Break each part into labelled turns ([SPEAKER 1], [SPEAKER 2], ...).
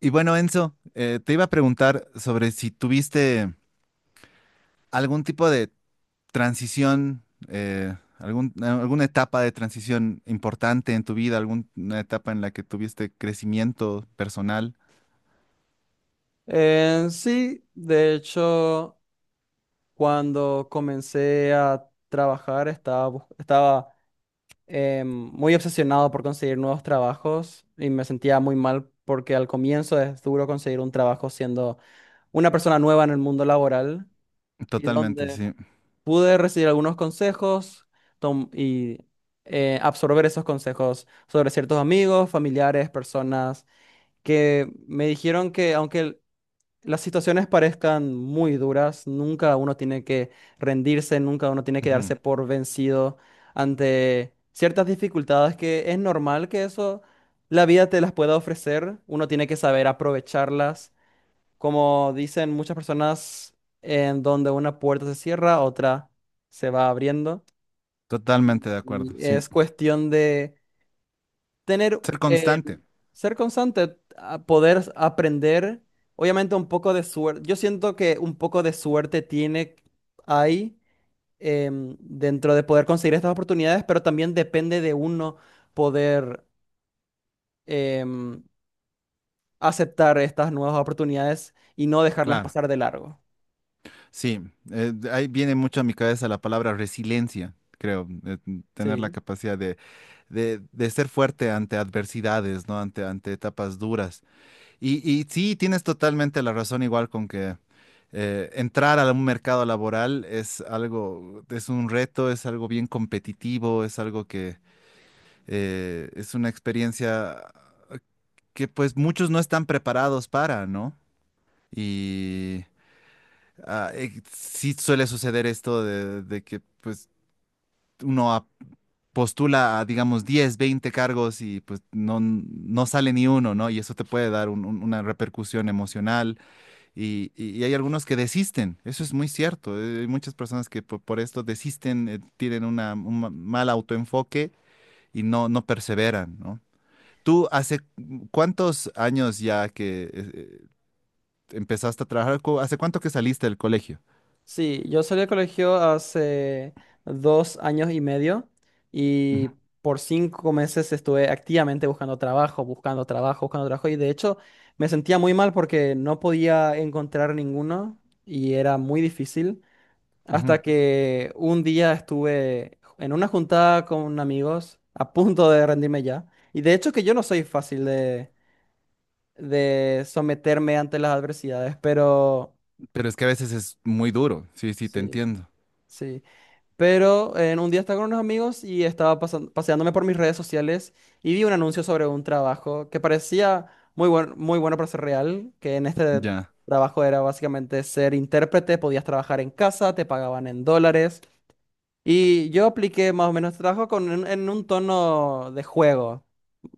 [SPEAKER 1] Y bueno, Enzo, te iba a preguntar sobre si tuviste algún tipo de transición, alguna etapa de transición importante en tu vida, alguna etapa en la que tuviste crecimiento personal.
[SPEAKER 2] Sí, de hecho, cuando comencé a trabajar estaba, estaba muy obsesionado por conseguir nuevos trabajos y me sentía muy mal porque al comienzo es duro conseguir un trabajo siendo una persona nueva en el mundo laboral y
[SPEAKER 1] Totalmente,
[SPEAKER 2] donde
[SPEAKER 1] sí.
[SPEAKER 2] pude recibir algunos consejos tom- y absorber esos consejos sobre ciertos amigos, familiares, personas que me dijeron que aunque las situaciones parezcan muy duras, nunca uno tiene que rendirse, nunca uno tiene que
[SPEAKER 1] Ujú.
[SPEAKER 2] darse por vencido ante ciertas dificultades que es normal que eso la vida te las pueda ofrecer, uno tiene que saber aprovecharlas. Como dicen muchas personas, en donde una puerta se cierra, otra se va abriendo.
[SPEAKER 1] Totalmente de acuerdo,
[SPEAKER 2] Y
[SPEAKER 1] sí.
[SPEAKER 2] es cuestión de tener,
[SPEAKER 1] Ser constante,
[SPEAKER 2] ser constante, a poder aprender, obviamente un poco de suerte. Yo siento que un poco de suerte tiene ahí, dentro de poder conseguir estas oportunidades, pero también depende de uno poder em, aceptar estas nuevas oportunidades y no dejarlas
[SPEAKER 1] claro.
[SPEAKER 2] pasar de largo.
[SPEAKER 1] Sí, ahí viene mucho a mi cabeza la palabra resiliencia, creo, tener la
[SPEAKER 2] Sí.
[SPEAKER 1] capacidad de ser fuerte ante adversidades, ¿no? Ante etapas duras. Y sí, tienes totalmente la razón, igual con que entrar a un mercado laboral es algo, es un reto, es algo bien competitivo, es algo que es una experiencia que pues muchos no están preparados para, ¿no? Y sí suele suceder esto de que pues uno a- postula a, digamos, 10 20 cargos y pues no sale ni uno, ¿no? Y eso te puede dar una repercusión emocional. Y hay algunos que desisten, eso es muy cierto. Hay muchas personas que esto desisten, tienen un mal autoenfoque y no perseveran, ¿no? ¿Tú hace cuántos años ya que empezaste a trabajar? ¿Hace cuánto que saliste del colegio?
[SPEAKER 2] Sí, yo salí del colegio hace 2 años y medio
[SPEAKER 1] Ujú,
[SPEAKER 2] y por 5 meses estuve activamente buscando trabajo, buscando trabajo, buscando trabajo, y de hecho me sentía muy mal porque no podía encontrar ninguno y era muy difícil
[SPEAKER 1] ujú.
[SPEAKER 2] hasta que un día estuve en una juntada con amigos a punto de rendirme ya. Y de hecho que yo no soy fácil de someterme ante las adversidades, pero
[SPEAKER 1] Pero es que a veces es muy duro, sí, sí, te
[SPEAKER 2] sí,
[SPEAKER 1] entiendo.
[SPEAKER 2] sí. Pero en un día estaba con unos amigos y estaba paseándome por mis redes sociales y vi un anuncio sobre un trabajo que parecía muy bueno, muy bueno para ser real, que en este
[SPEAKER 1] Ya.
[SPEAKER 2] trabajo era básicamente ser intérprete, podías trabajar en casa, te pagaban en dólares, y yo apliqué más o menos este trabajo con en un tono de juego.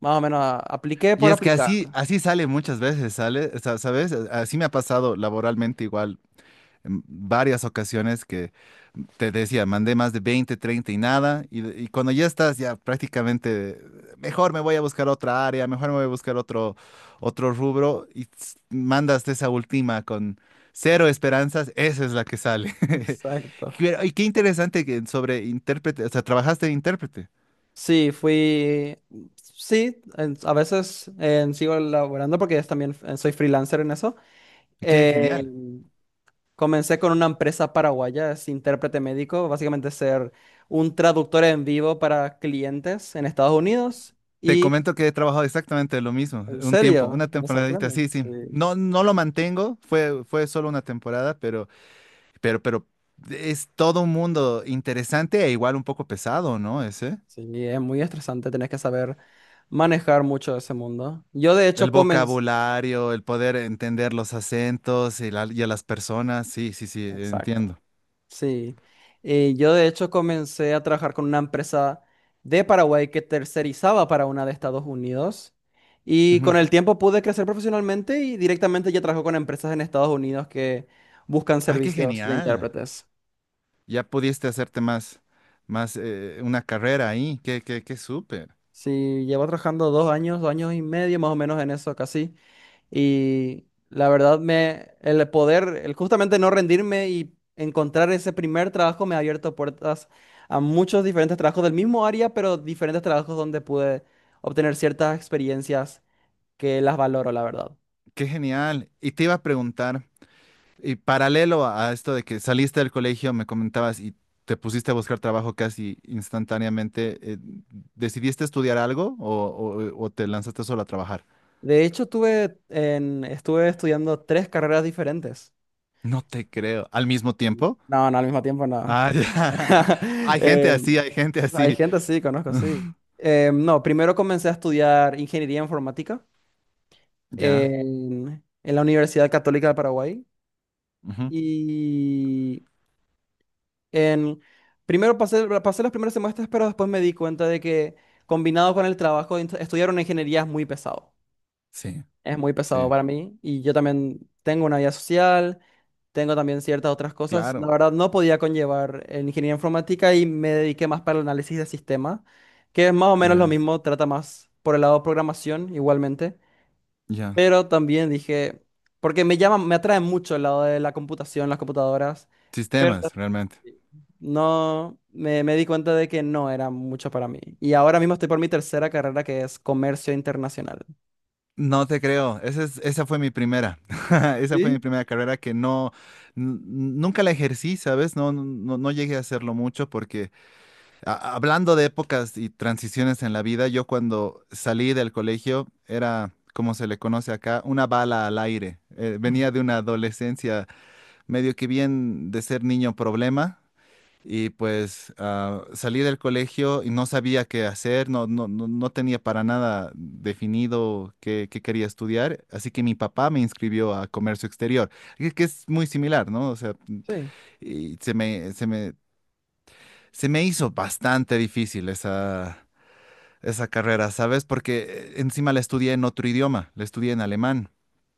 [SPEAKER 2] Más o menos apliqué
[SPEAKER 1] Y
[SPEAKER 2] por
[SPEAKER 1] es que
[SPEAKER 2] aplicar.
[SPEAKER 1] así sale muchas veces, ¿sabes? Así me ha pasado laboralmente igual en varias ocasiones que te decía, mandé más de 20 30 y nada, y cuando ya estás ya prácticamente, mejor me voy a buscar otra área, mejor me voy a buscar otro rubro, mandas esa última con cero esperanzas, esa es la que sale.
[SPEAKER 2] Exacto.
[SPEAKER 1] Y qué interesante que sobre intérprete, o sea, trabajaste de intérprete,
[SPEAKER 2] Sí, fui. Sí, a veces sigo laborando porque es también soy freelancer en eso.
[SPEAKER 1] qué
[SPEAKER 2] Eh,
[SPEAKER 1] genial.
[SPEAKER 2] Comencé con una empresa paraguaya, es intérprete médico, básicamente ser un traductor en vivo para clientes en Estados Unidos.
[SPEAKER 1] Te
[SPEAKER 2] Y
[SPEAKER 1] comento que he trabajado exactamente lo mismo,
[SPEAKER 2] en
[SPEAKER 1] un tiempo,
[SPEAKER 2] serio,
[SPEAKER 1] una
[SPEAKER 2] me
[SPEAKER 1] temporadita,
[SPEAKER 2] sorprende.
[SPEAKER 1] sí, sí.
[SPEAKER 2] Sí,
[SPEAKER 1] No, no lo mantengo, fue solo una temporada, pero es todo un mundo interesante e igual un poco pesado, ¿no? Ese.
[SPEAKER 2] sí, es muy estresante, tenés que saber manejar mucho ese mundo. Yo de hecho
[SPEAKER 1] El
[SPEAKER 2] comencé...
[SPEAKER 1] vocabulario, el poder entender los acentos y a las personas. Sí, sí, sí,
[SPEAKER 2] Exacto.
[SPEAKER 1] entiendo.
[SPEAKER 2] Sí, yo de hecho comencé a trabajar con una empresa de Paraguay que tercerizaba para una de Estados Unidos, y
[SPEAKER 1] Ujú.
[SPEAKER 2] con el tiempo pude crecer profesionalmente y directamente ya trabajo con empresas en Estados Unidos que buscan
[SPEAKER 1] Ah, qué
[SPEAKER 2] servicios de
[SPEAKER 1] genial.
[SPEAKER 2] intérpretes.
[SPEAKER 1] Ya pudiste hacerte más, más una carrera ahí. Qué súper.
[SPEAKER 2] Sí, llevo trabajando 2 años, 2 años y medio más o menos en eso casi. Y la verdad, el poder, el justamente no rendirme y encontrar ese primer trabajo me ha abierto puertas a muchos diferentes trabajos del mismo área, pero diferentes trabajos donde pude obtener ciertas experiencias que las valoro, la verdad.
[SPEAKER 1] Qué genial. Y te iba a preguntar. Y paralelo a esto de que saliste del colegio, me comentabas y te pusiste a buscar trabajo casi instantáneamente, ¿decidiste estudiar algo o te lanzaste solo a trabajar?
[SPEAKER 2] De hecho, estuve estudiando tres carreras diferentes.
[SPEAKER 1] No te creo. ¿Al mismo tiempo?
[SPEAKER 2] No, no, al mismo tiempo no.
[SPEAKER 1] Ah, ya. Hay gente
[SPEAKER 2] Eh,
[SPEAKER 1] así, hay gente
[SPEAKER 2] Hay
[SPEAKER 1] así.
[SPEAKER 2] gente, sí, conozco, sí. No, primero comencé a estudiar ingeniería informática.
[SPEAKER 1] Ya.
[SPEAKER 2] En la Universidad Católica de Paraguay.
[SPEAKER 1] Ujú.
[SPEAKER 2] Y en, primero pasé los primeros semestres, pero después me di cuenta de que combinado con el trabajo, estudiar una ingeniería es muy pesado.
[SPEAKER 1] Sí,
[SPEAKER 2] Es muy pesado
[SPEAKER 1] sí,
[SPEAKER 2] para mí. Y yo también tengo una vida social, tengo también ciertas otras cosas. La
[SPEAKER 1] claro.
[SPEAKER 2] verdad, no podía conllevar en ingeniería informática y me dediqué más para el análisis de sistemas, que es más o menos lo
[SPEAKER 1] Ya,
[SPEAKER 2] mismo, trata más por el lado de programación igualmente.
[SPEAKER 1] ya.
[SPEAKER 2] Pero también dije, porque me atrae mucho el lado de la computación, las computadoras, pero
[SPEAKER 1] Sistemas, realmente.
[SPEAKER 2] no, me di cuenta de que no era mucho para mí. Y ahora mismo estoy por mi tercera carrera, que es comercio internacional.
[SPEAKER 1] No te creo, esa fue mi primera, esa fue mi
[SPEAKER 2] ¿Sí?
[SPEAKER 1] primera carrera que nunca la ejercí, ¿sabes? No, no, no llegué a hacerlo mucho porque hablando de épocas y transiciones en la vida, yo cuando salí del colegio era, como se le conoce acá, una bala al aire. Venía de una adolescencia medio que bien de ser niño problema y pues salí del colegio y no sabía qué hacer, no, no, no, no tenía para nada definido qué quería estudiar, así que mi papá me inscribió a comercio exterior, que es muy similar, ¿no? O sea,
[SPEAKER 2] Sí.
[SPEAKER 1] y se me hizo bastante difícil esa carrera, ¿sabes? Porque encima la estudié en otro idioma, la estudié en alemán.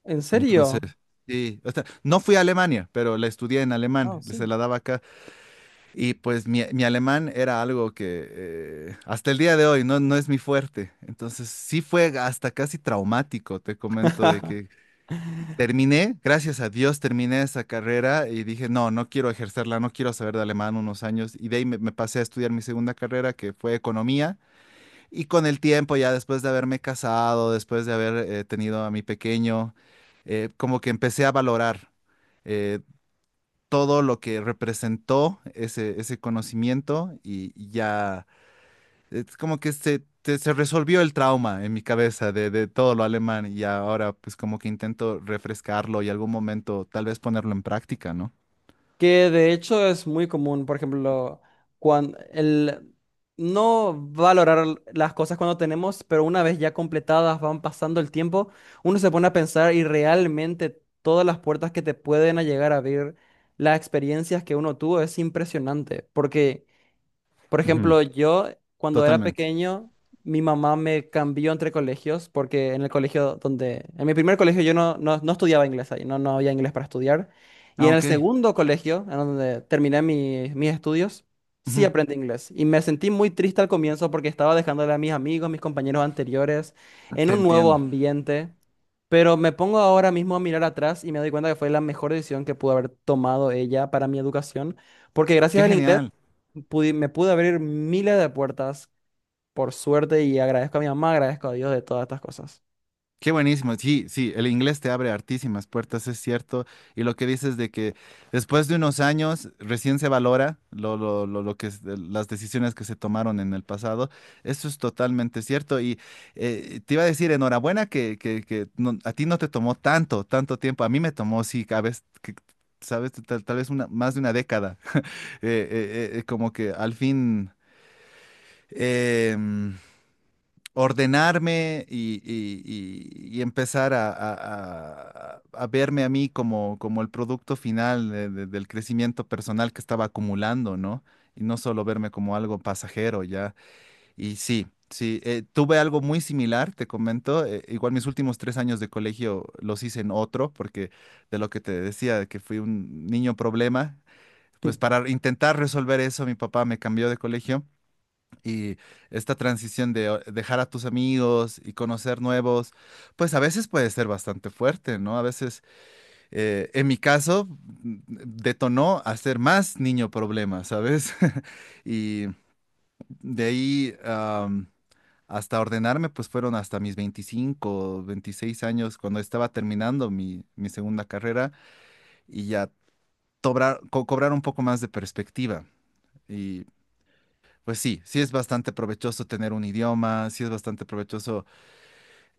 [SPEAKER 2] ¿En
[SPEAKER 1] Entonces,
[SPEAKER 2] serio?
[SPEAKER 1] sí, o sea, no fui a Alemania, pero la estudié en
[SPEAKER 2] No,
[SPEAKER 1] alemán, se
[SPEAKER 2] sí.
[SPEAKER 1] la daba acá. Y pues mi alemán era algo que hasta el día de hoy no, no es mi fuerte. Entonces sí fue hasta casi traumático, te comento, de que terminé, gracias a Dios terminé esa carrera y dije, no, no quiero ejercerla, no quiero saber de alemán unos años. Y de ahí me pasé a estudiar mi segunda carrera, que fue economía. Y con el tiempo, ya después de haberme casado, después de haber tenido a mi pequeño, como que empecé a valorar eh, todo lo que representó ese conocimiento y ya es como que se resolvió el trauma en mi cabeza de todo lo alemán y ahora pues como que intento refrescarlo y algún momento tal vez ponerlo en práctica, ¿no?
[SPEAKER 2] Que de hecho es muy común, por ejemplo, cuando el no valorar las cosas cuando tenemos, pero una vez ya completadas van pasando el tiempo, uno se pone a pensar, y realmente todas las puertas que te pueden a llegar a abrir, las experiencias que uno tuvo es impresionante, porque por
[SPEAKER 1] Ujú.
[SPEAKER 2] ejemplo, yo cuando era
[SPEAKER 1] Totalmente.
[SPEAKER 2] pequeño, mi mamá me cambió entre colegios porque en el colegio en mi primer colegio yo no estudiaba inglés ahí, no, no había inglés para estudiar. Y
[SPEAKER 1] Ah,
[SPEAKER 2] en el
[SPEAKER 1] ok.
[SPEAKER 2] segundo colegio, en donde terminé mis estudios, sí
[SPEAKER 1] Ujú.
[SPEAKER 2] aprendí inglés. Y me sentí muy triste al comienzo porque estaba dejándole a mis amigos, mis compañeros anteriores, en
[SPEAKER 1] Te
[SPEAKER 2] un nuevo
[SPEAKER 1] entiendo.
[SPEAKER 2] ambiente. Pero me pongo ahora mismo a mirar atrás y me doy cuenta que fue la mejor decisión que pudo haber tomado ella para mi educación, porque gracias
[SPEAKER 1] Qué
[SPEAKER 2] al inglés
[SPEAKER 1] genial.
[SPEAKER 2] me pude abrir miles de puertas, por suerte, y agradezco a mi mamá, agradezco a Dios de todas estas cosas.
[SPEAKER 1] Qué buenísimo, sí, sí, el inglés te abre hartísimas puertas, es cierto. Y lo que dices de que después de unos años recién se valora lo de las decisiones que se tomaron en el pasado, eso es totalmente cierto. Y te iba a decir, enhorabuena que a ti no te tomó tanto tiempo. A mí me tomó, sí, a veces, sabes, tal vez más de una década. Eh, Como que al fin, em, ordenarme y empezar a verme a mí como el producto final del crecimiento personal que estaba acumulando, ¿no? Y no solo verme como algo pasajero ya. Y sí, sí, tuve algo muy similar, te comento. Igual mis últimos 3 años de colegio los hice en otro, porque de lo que te decía, de que fui un niño problema. Pues para intentar resolver eso, mi papá me cambió de colegio y esta transición de dejar a tus amigos y conocer nuevos, pues a veces puede ser bastante fuerte, ¿no? A veces, en mi caso, detonó a ser más niño problema, ¿sabes? Y de ahí hasta ordenarme, pues fueron hasta mis 25 26 años, cuando estaba terminando mi segunda carrera y ya cobrar un poco más de perspectiva. Pues sí, sí es bastante provechoso tener un idioma, sí es bastante provechoso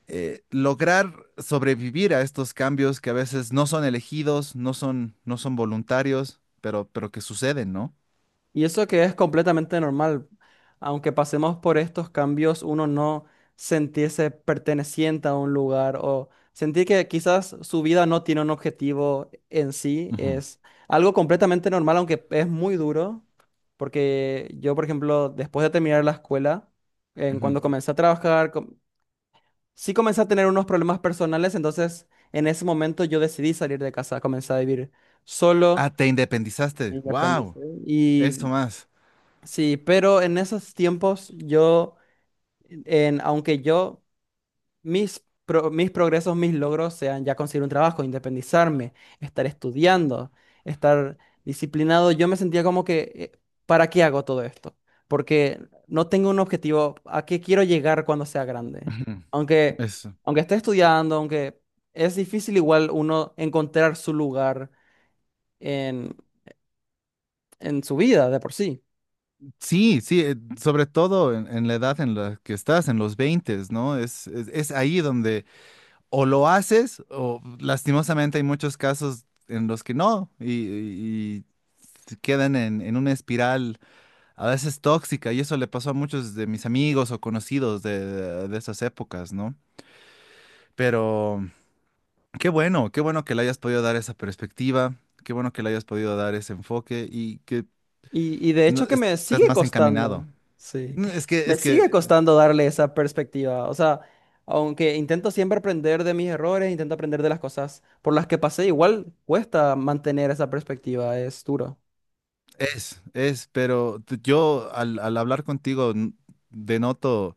[SPEAKER 1] lograr sobrevivir a estos cambios que a veces no son elegidos, no son voluntarios, pero que suceden, ¿no?
[SPEAKER 2] Y eso que es completamente normal, aunque pasemos por estos cambios, uno no sentirse perteneciente a un lugar o sentir que quizás su vida no tiene un objetivo en sí,
[SPEAKER 1] Ujú.
[SPEAKER 2] es algo completamente normal, aunque es muy duro, porque yo, por ejemplo, después de terminar la escuela, en
[SPEAKER 1] Ujú.
[SPEAKER 2] cuando comencé a trabajar, sí comencé a tener unos problemas personales, entonces en ese momento yo decidí salir de casa, comencé a vivir
[SPEAKER 1] Ah,
[SPEAKER 2] solo,
[SPEAKER 1] te
[SPEAKER 2] me
[SPEAKER 1] independizaste. ¡Wow!
[SPEAKER 2] independicé.
[SPEAKER 1] Eso
[SPEAKER 2] Y
[SPEAKER 1] más.
[SPEAKER 2] sí, pero en esos tiempos aunque yo mis progresos, mis logros sean ya conseguir un trabajo, independizarme, estar estudiando, estar disciplinado. Yo me sentía como que, ¿para qué hago todo esto? Porque no tengo un objetivo a qué quiero llegar cuando sea grande.
[SPEAKER 1] Ujú.
[SPEAKER 2] Aunque,
[SPEAKER 1] Eso.
[SPEAKER 2] Aunque esté estudiando, aunque es difícil igual uno encontrar su lugar en, en su vida de por sí.
[SPEAKER 1] Sí, sí, sobre todo en la edad en la que estás, en los 20, ¿no? Es ahí donde o lo haces, o lastimosamente hay muchos casos en los que no, y se quedan en una espiral a veces tóxica, y eso le pasó a muchos de mis amigos o conocidos de esas épocas, ¿no? Pero qué bueno que le hayas podido dar esa perspectiva, qué bueno que le hayas podido dar ese enfoque y que
[SPEAKER 2] Y de hecho que me
[SPEAKER 1] estás
[SPEAKER 2] sigue
[SPEAKER 1] más encaminado.
[SPEAKER 2] costando, sí,
[SPEAKER 1] No, Es que,
[SPEAKER 2] me
[SPEAKER 1] es que
[SPEAKER 2] sigue costando darle esa perspectiva. O sea, aunque intento siempre aprender de mis errores, intento aprender de las cosas por las que pasé, igual cuesta mantener esa perspectiva, es duro.
[SPEAKER 1] es, es, pero t- yo al hablar contigo denoto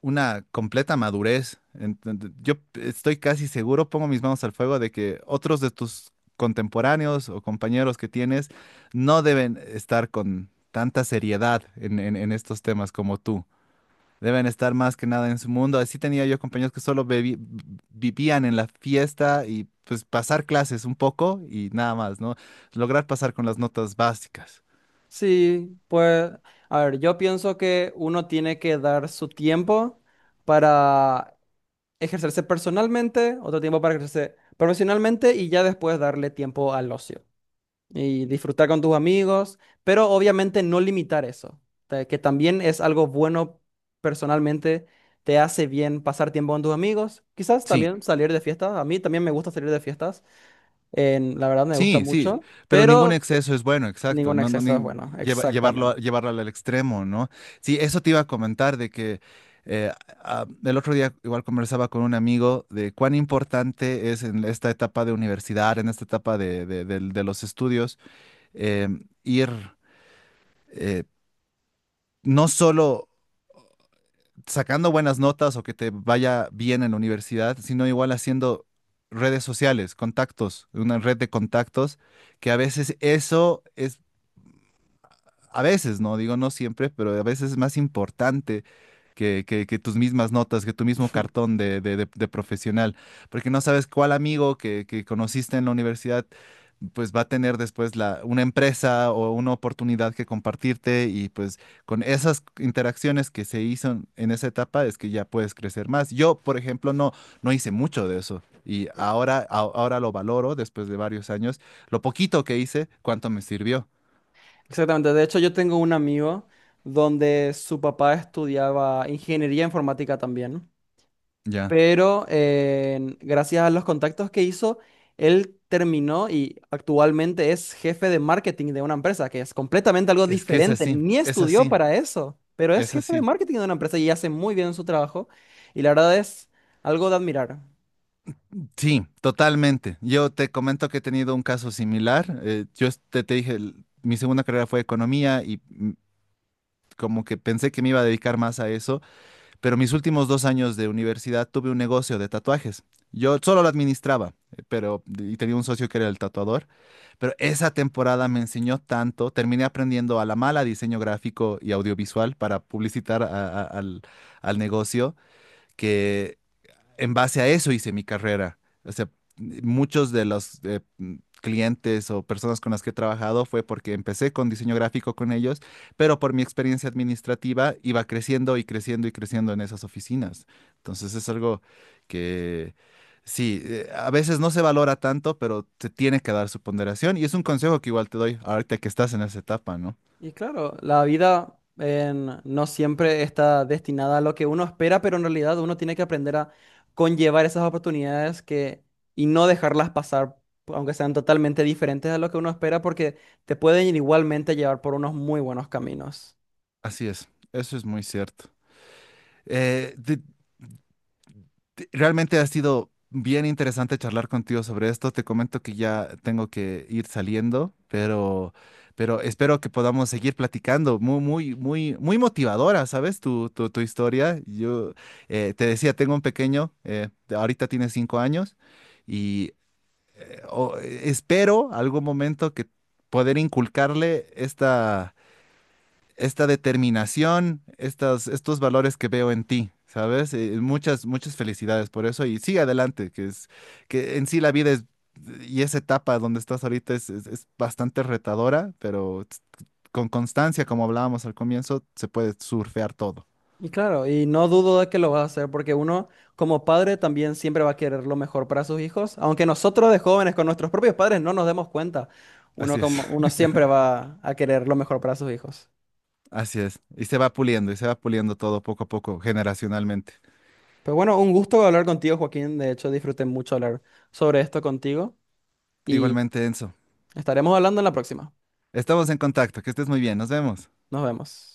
[SPEAKER 1] una completa madurez. Yo estoy casi seguro, pongo mis manos al fuego, de que otros de tus contemporáneos o compañeros que tienes no deben estar con tanta seriedad en estos temas como tú. Deben estar más que nada en su mundo. Así tenía yo compañeros que solo vivían en la fiesta y pues pasar clases un poco y nada más, ¿no? Lograr pasar con las notas básicas.
[SPEAKER 2] Sí, pues, a ver, yo pienso que uno tiene que dar su tiempo para ejercerse personalmente, otro tiempo para ejercerse profesionalmente y ya después darle tiempo al ocio. Y disfrutar con tus amigos, pero obviamente no limitar eso, que también es algo bueno personalmente, te hace bien pasar tiempo con tus amigos, quizás
[SPEAKER 1] Sí,
[SPEAKER 2] también salir de fiestas, a mí también me gusta salir de fiestas, la verdad me gusta
[SPEAKER 1] sí, sí,
[SPEAKER 2] mucho,
[SPEAKER 1] pero ningún
[SPEAKER 2] pero
[SPEAKER 1] exceso es bueno, exacto,
[SPEAKER 2] ningún
[SPEAKER 1] no, no,
[SPEAKER 2] exceso es bueno, exactamente.
[SPEAKER 1] llevarlo al extremo, ¿no? Sí, eso te iba a comentar de que eh, el otro día igual conversaba con un amigo de cuán importante es en esta etapa de universidad, en esta etapa de de los estudios, eh, ir eh, no solo sacando buenas notas o que te vaya bien en la universidad, sino igual haciendo redes sociales, contactos, una red de contactos, que a veces eso es a veces, no digo no siempre, pero a veces es más importante que tus mismas notas, que tu mismo cartón de profesional, porque no sabes cuál amigo que conociste en la universidad, pues va a tener después una empresa o una oportunidad que compartirte y pues con esas interacciones que se hizo en esa etapa es que ya puedes crecer más. Yo, por ejemplo, no, no hice mucho de eso y ahora, ahora lo valoro después de varios años, lo poquito que hice, cuánto me sirvió.
[SPEAKER 2] Exactamente, de hecho yo tengo un amigo donde su papá estudiaba ingeniería informática también.
[SPEAKER 1] Ya.
[SPEAKER 2] Pero gracias a los contactos que hizo, él terminó y actualmente es jefe de marketing de una empresa, que es completamente algo
[SPEAKER 1] Es que es
[SPEAKER 2] diferente,
[SPEAKER 1] así,
[SPEAKER 2] ni
[SPEAKER 1] es
[SPEAKER 2] estudió
[SPEAKER 1] así,
[SPEAKER 2] para eso, pero es
[SPEAKER 1] es
[SPEAKER 2] jefe de
[SPEAKER 1] así.
[SPEAKER 2] marketing de una empresa y hace muy bien su trabajo y la verdad es algo de admirar.
[SPEAKER 1] Sí, totalmente. Yo te comento que he tenido un caso similar. Yo te dije, mi segunda carrera fue economía y como que pensé que me iba a dedicar más a eso, pero mis últimos 2 años de universidad tuve un negocio de tatuajes. Yo solo lo administraba, pero y tenía un socio que era el tatuador, pero esa temporada me enseñó tanto. Terminé aprendiendo a la mala diseño gráfico y audiovisual para publicitar a- al al negocio que en base a eso hice mi carrera. O sea, muchos de los clientes o personas con las que he trabajado fue porque empecé con diseño gráfico con ellos, pero por mi experiencia administrativa iba creciendo y creciendo y creciendo en esas oficinas. Entonces es algo que sí, a veces no se valora tanto, pero te tiene que dar su ponderación y es un consejo que igual te doy ahorita que estás en esa etapa, ¿no?
[SPEAKER 2] Y claro, la vida no siempre está destinada a lo que uno espera, pero en realidad uno tiene que aprender a conllevar esas oportunidades y no dejarlas pasar, aunque sean totalmente diferentes a lo que uno espera, porque te pueden igualmente llevar por unos muy buenos caminos.
[SPEAKER 1] Así es, eso es muy cierto. Eh, de- Realmente ha sido bien interesante charlar contigo sobre esto. Te comento que ya tengo que ir saliendo, pero espero que podamos seguir platicando. Muy, muy, muy, muy motivadora, ¿sabes? Tu historia. Yo te decía, tengo un pequeño, ahorita tiene 5 años, y espero algún momento que poder inculcarle esta determinación, estos valores que veo en ti, ¿sabes? Muchas, muchas felicidades por eso y sigue adelante, que es, que en sí la vida es, y esa etapa donde estás ahorita es, es bastante retadora, pero con constancia, como hablábamos al comienzo, se puede surfear todo.
[SPEAKER 2] Y claro, y no dudo de que lo vas a hacer, porque uno como padre también siempre va a querer lo mejor para sus hijos, aunque nosotros de jóvenes con nuestros propios padres no nos demos cuenta,
[SPEAKER 1] Así es,
[SPEAKER 2] uno siempre va a querer lo mejor para sus hijos.
[SPEAKER 1] así es. Y se va puliendo, y se va puliendo todo poco a poco, generacionalmente.
[SPEAKER 2] Pero bueno, un gusto hablar contigo, Joaquín. De hecho, disfruté mucho hablar sobre esto contigo y
[SPEAKER 1] Igualmente, Enzo.
[SPEAKER 2] estaremos hablando en la próxima.
[SPEAKER 1] Estamos en contacto, que estés muy bien, nos vemos.
[SPEAKER 2] Nos vemos.